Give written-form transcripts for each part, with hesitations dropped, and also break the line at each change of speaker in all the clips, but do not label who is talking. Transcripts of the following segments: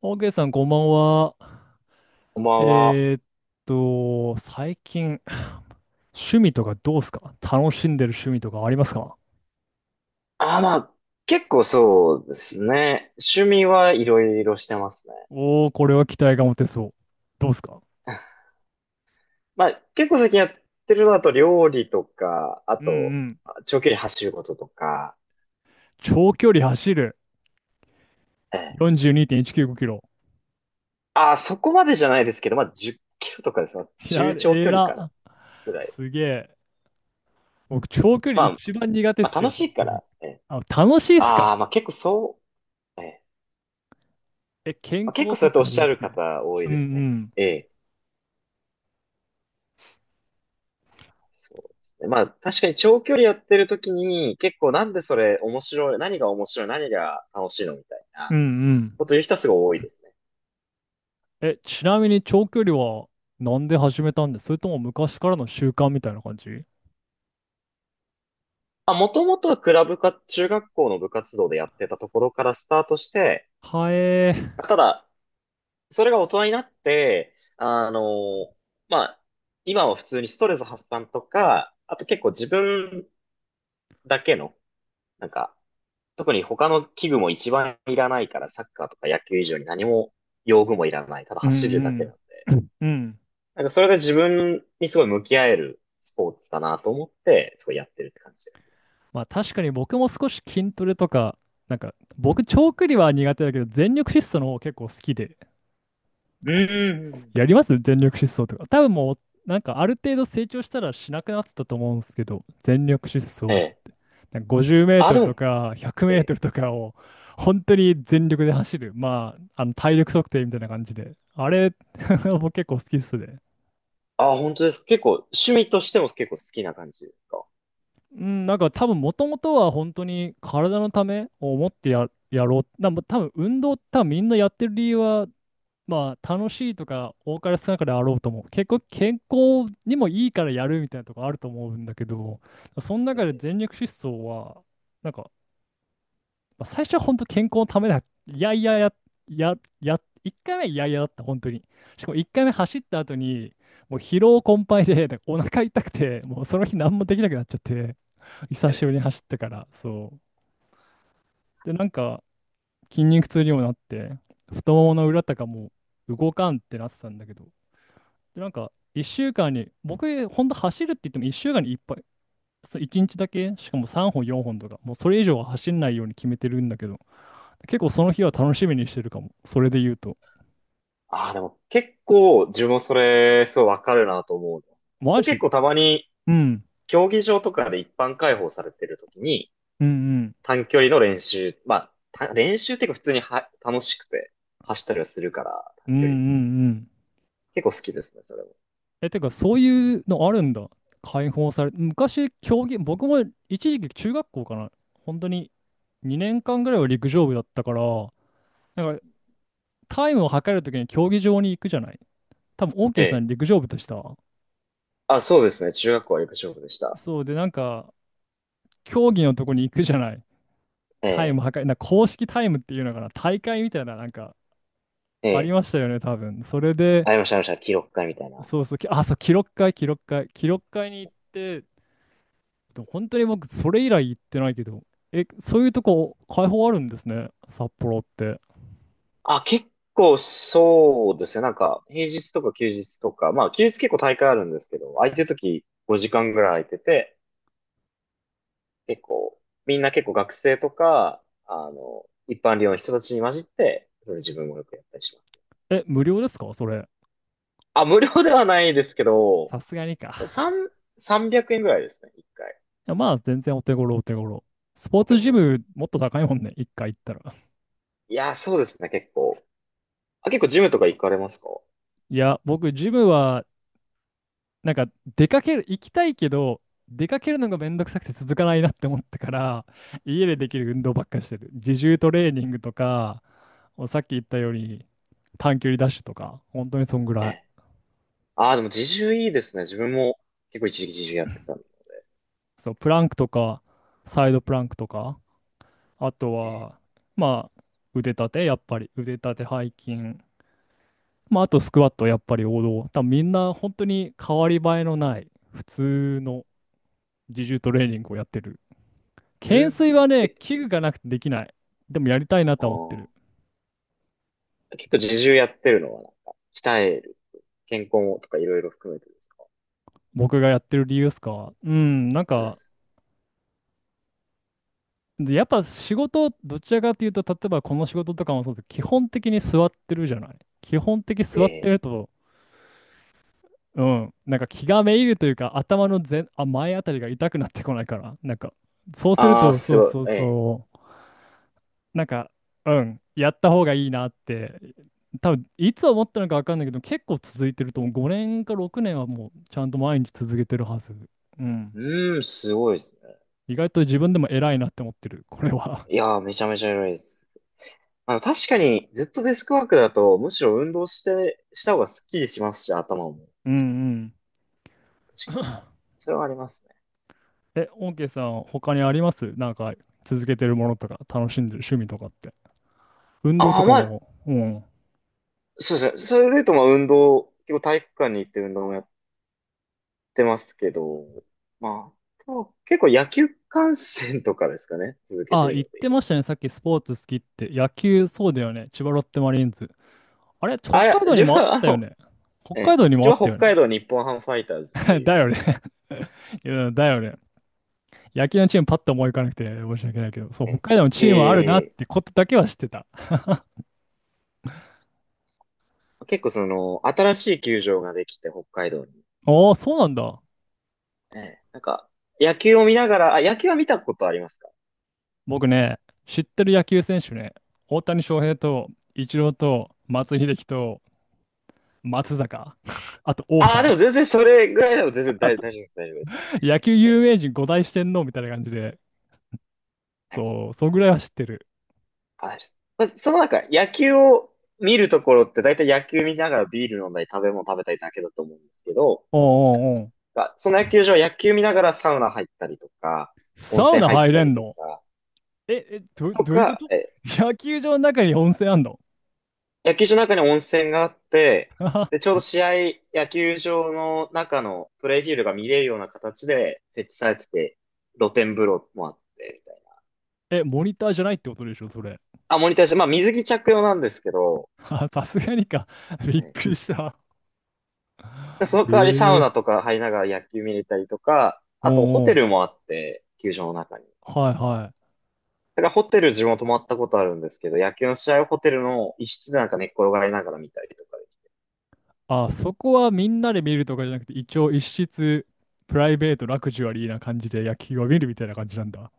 オーケーさん、こんばんは。
こんばんは。
えーっ最近、趣味とかどうすか？楽しんでる趣味とかありますか？
あ、まあ、結構そうですね。趣味はいろいろしてますね。
おー、これは期待が持てそう。どうすか？
まあ、結構最近やってるのだと料理とか、あ
うんう
と、
ん。
長距離走ることとか、
長距離走る。
ええ。
42.195キロ。
あ、そこまでじゃないですけど、まあ、10キロとかです。まあ、
いや、
中長
え
距離かな、
ら。
ぐらい。
すげえ。僕、長距離
まあ、
一番苦手っ
まあ、
す
楽
よ、
し
本
いか
当に。
ら、ええ。
あ、楽しいっすか？
ああ、まあ結構そう、ええ。
え、健
まあ、結
康
構そう
と
やっておっ
かじゃ
しゃ
なく
る
て。
方多い
うんう
ですね。
ん。
ええ。そうですね。まあ、確かに長距離やってる時に、結構なんでそれ面白い、何が面白い、何が楽しいのみたい
う
な
んうん。
こと言う人はすごい多いですね。
え、ちなみに長距離はなんで始めたんです？それとも昔からの習慣みたいな感じ？
まあ、もともとはクラブか、中学校の部活動でやってたところからスタートして、
はえー。
ただ、それが大人になって、あの、まあ、今は普通にストレス発散とか、あと結構自分だけの、なんか、特に他の器具も一番いらないから、サッカーとか野球以上に何も用具もいらない、ただ
うん
走る
う
だけなん
ん。
で。
うん。
なんかそれで自分にすごい向き合えるスポーツだなと思って、すごいやってるって感じです。
まあ確かに僕も少し筋トレとか、なんか僕長距離は苦手だけど全力疾走の方結構好きで。
うん。
やります、全力疾走とか。多分もうなんかある程度成長したらしなくなってたと思うんですけど、全力疾
え
走
え。
なんか50メー
あ、
ト
で
ルと
も、
か100メ
え
ート
え。
ルとかを本当に全力で走る。まあ、あの体力測定みたいな感じで。あれ、僕結構好きっすね。
あ、本当です。結構、趣味としても結構好きな感じですか？
うん、なんか多分もともとは本当に体のためを思ってやろう。なんか多分運動多分みんなやってる理由は、まあ楽しいとか多かれ少なかれあろうと思う。結構健康にもいいからやるみたいなとこあると思うんだけど、その
え
中で
え。
全力疾走は、なんかまあ、最初は本当健康のためだ。いやいやや、や、や、1回目はいやいやだった、本当に。しかも1回目
うん
走った後に、もう疲労困憊で、なんかお腹痛くて、もうその日何もできなくなっちゃって、
え
久しぶり
え。
に走ったから、そう。で、なんか筋肉痛にもなって、太ももの裏とかもう動かんってなってたんだけど、で、なんか1週間に、僕、本当走るって言っても1週間にいっぱい、そう1日だけ、しかも3本、4本とか、もうそれ以上は走んないように決めてるんだけど、結構その日は楽しみにしてるかも。それで言うと。
ああ、でも結構、自分もそれ、すごいわかるなと思うの。
マ
僕結
ジ？
構たまに、
うん。
競技場とかで一般開放されてる時に、
うんうん。
短距離の練習、まあ、練習っていうか普通には楽しくて、走ったりはするから、
う
短
んう
距離。
んうん。
結構好きですね、それも。
え、てか、そういうのあるんだ。解放され、昔、競技、僕も一時期中学校かな。本当に2年間ぐらいは陸上部だったから、なんかタイムを測るときに競技場に行くじゃない。多分、オーケ
え
ーさん
え。
陸上部でした？
あ、そうですね。中学校はよく勝負でした。
そうで、なんか、競技のとこに行くじゃない。
え
タイム
え、
測る、なんか公式タイムっていうのかな。大会みたいな、なんか、
え
あり
え。
ましたよね、多分。それで、
ありました、ありました。記録会みたいな。
そうそう、そう、記録会、記録会、記録会に行って、でも本当に僕、それ以来行ってないけど、え、そういうとこ、開放あるんですね、札幌って。
あ、結構そうですね。なんか、平日とか休日とか、まあ、休日結構大会あるんですけど、空いてる時5時間ぐらい空いてて、結構、みんな結構学生とか、あの、一般寮の人たちに混じって、それで自分もよくやったりします。
え、無料ですか、それ？
あ、無料ではないですけど、
さすがにか。
でも300円ぐらいですね。一回。
いや、まあ、全然お手頃、お手頃。スポー
お手
ツジ
頃に。
ム、もっと高いもんね、一回行ったら。
いや、そうですね。結構。あ、結構ジムとか行かれますか？
いや、僕、ジムは、なんか、出かける、行きたいけど、出かけるのがめんどくさくて続かないなって思ったから、家でできる
う
運動ばっかりしてる。自重トレーニングとか、さっき言ったように、短距離ダッシュとか、本当にそんぐら
ん。
い。
ああ、でも自重いいですね。自分も結構一時期自重やってたんで。
そう、プランクとか、サイドプランクとか、あと
ね。
は、まあ、腕立て、やっぱり、腕立て、背筋、まあ、あとスクワット、やっぱり王道。多分みんな本当に変わり映えのない、普通の自重トレーニングをやってる。
う
懸
ん。
垂はね、
え、
器具がなくてできない。でもやりたいなとは思って
あ
る。
あ。結構自重やってるのはなんか、鍛える、健康とかいろいろ含めてですか？
僕がやってる理由ですか？うん、なん
そうで
か、
す。
で、やっぱ仕事、どちらかというと、例えばこの仕事とかもそうです。基本的に座ってるじゃない。基本的に
え
座って
え。
ると、うん、なんか気がめいるというか、頭の前、あ、前あたりが痛くなってこないから、なんか、そうする
ああ、
と、そ
す
う
ごい。
そう
ええ。
そう、なんか、うん、やった方がいいなって、多分いつ思ったのか分かんないけど、結構続いてると思う、5年か6年はもう、ちゃんと毎日続けてるはず。うん。
うーん、すごいですね。
意外と自分でも偉いなって思ってる、これは。
いやー、めちゃめちゃ偉いです。あの、確かにずっとデスクワークだと、むしろ運動して、した方がスッキリしますし、頭も。
うんうん、
確かに。それはありますね。
え、オーケーさん、他にあります？なんか、続けてるものとか、楽しんでる趣味とかって。運動と
ああ、
か
まあ、
も、うん。
そうですね。それで言うと、まあ、運動、結構体育館に行って運動もやっってますけど、まあ、でも結構野球観戦とかですかね、続けて
あ、
る
言
の
っ
で言
て
え
ま
ば。
したね。さっきスポーツ好きって。野球、そうだよね。千葉ロッテマリーンズ。あれ、北
あ、いや、
海道に
自分
もあっ
はあ
たよ
の、
ね。北
え
海
え、
道にも
自
あ
分は
った
北
よね。
海道日本ハムファイターズって
だ
いう、
よね。いや、だよね。野球のチームパッと思い浮かなくて申し訳ないけど、そう、北
え
海道のチームあるなっ
え、ええ。
てことだけは知ってた。
結構その、新しい球場ができて北海道に。
おー、そうなんだ。
ええ、なんか、野球を見ながら、あ、野球は見たことありますか？
僕ね、知ってる野球選手ね、大谷翔平と、イチローと、松井秀喜と、松坂、あと王
あ
さ
あ、で
ん、
も全然それぐらいでも全然大丈夫です、大丈夫です。
野球有
え。
名人五大四天王みたいな感じで、
はい。
そう、そんぐらいは知ってる。
あ、大丈夫です。まあ、その中、野球を見るところって大体野球見ながらビール飲んだり食べ物食べたりだけだと思うんですけど、
お、うんうんうん。
が、その野球場は野球見ながらサウナ入ったりとか、温
サウ
泉
ナ
入っ
入
た
れ
り
ん
と
の？
か、
え、え、ど、
と
どういうこ
か、
と
え、
野球場の中に温泉あんの？
野球場の中に温泉があって、で、ちょうど試合、野球場の中のプレイフィールドが見れるような形で設置されてて、露天風呂もあって、みたいな。
え、モニターじゃないってことでしょ、それ。
あ、モニターして、まあ水着着用なんですけど、
あ、さすがにか。びっ
ね。
くりした。
でその代わりサウ
え
ナと
え、
か入りながら野球見れたりとか、
お
あとホ
う
テ
おう。
ルもあって、球場の中に。
はいはい。
だからホテル自分も泊まったことあるんですけど、野球の試合をホテルの一室でなんか寝っ転がりながら見たりとかで。
あ、そこはみんなで見るとかじゃなくて、一応一室、プライベート、ラグジュアリーな感じで野球を見るみたいな感じなんだ。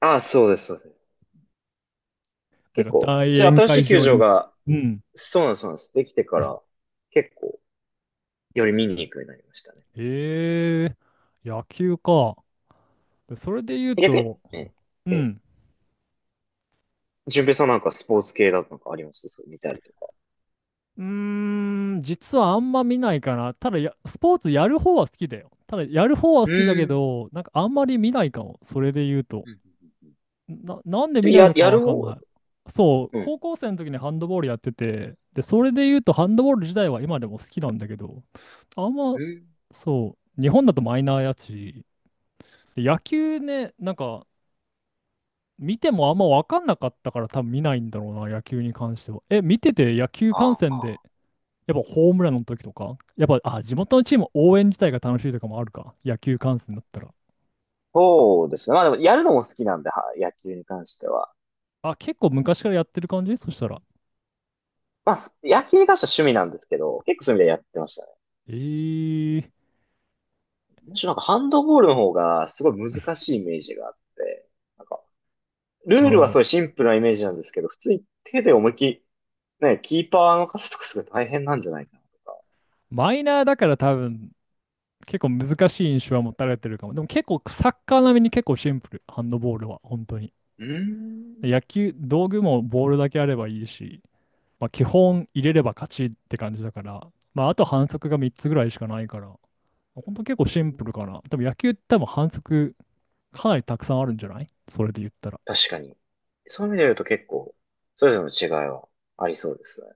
ああ、そうです、そうです。
なん
結
か
構、
大
そういう
宴
新し
会
い球
場
場
に。
が、
うん。
そうなんです、そうなんです。できてから、結構、より見に行くようになりましたね。
ええ、野球か。でそれで言う
逆に、
と、
え
う
え、え、
ん。
順平さんなんかスポーツ系だとなんかありますそう、見たりとか。
うーん、実はあんま見ないかな。ただ、スポーツやる方は好きだよ。ただ、やる方は
う
好きだけ
ーん。
ど、なんかあんまり見ないかも。それで言うと。
うんうん
なんで
う
見
ん。
ない
や、
のか
やる
わかん
方、
ない。そう、
うん。
高校生の時にハンドボールやってて、で、それで言うとハンドボール自体は今でも好きなんだけど、あん
う
ま、
んうん
そう、日本だとマイナーやし、で
う
野
ん。
球ね、なんか、見てもあんま分かんなかったから多分見ないんだろうな、野球に関しては。え、見てて野球観
あ
戦で、
あ、
やっぱホームランの時とか、やっぱ、あ、地元のチーム応援自体が楽しいとかもあるか、野球観戦だったら。
そうですね。まあでも、やるのも好きなんで、は、野球に関しては。
あ、結構昔からやってる感じそしたら？
まあ、野球に関しては趣味なんですけど、結構そういう意味でやってましたね。
えー、
むしろなんかハンドボールの方がすごい難しいイメージがあって、ル
う
ールはす
ん。
ごいシンプルなイメージなんですけど、普通に手で思いっきり、ね、キーパーの方とかすごい大変なんじゃないかなとか。
マイナーだから多分、結構難しい印象は持たれてるかも。でも結構サッカー並みに結構シンプル、ハンドボールは、本当に。
うーん。
野球、道具もボールだけあればいいし、まあ、基本入れれば勝ちって感じだから、まあ、あと反則が3つぐらいしかないから、ほんと結構
うん。
シンプルかな。多分野球って多分反則かなりたくさんあるんじゃない？それで言ったら。
確かに。そういう意味で言うと結構、それぞれの違いはありそうですね。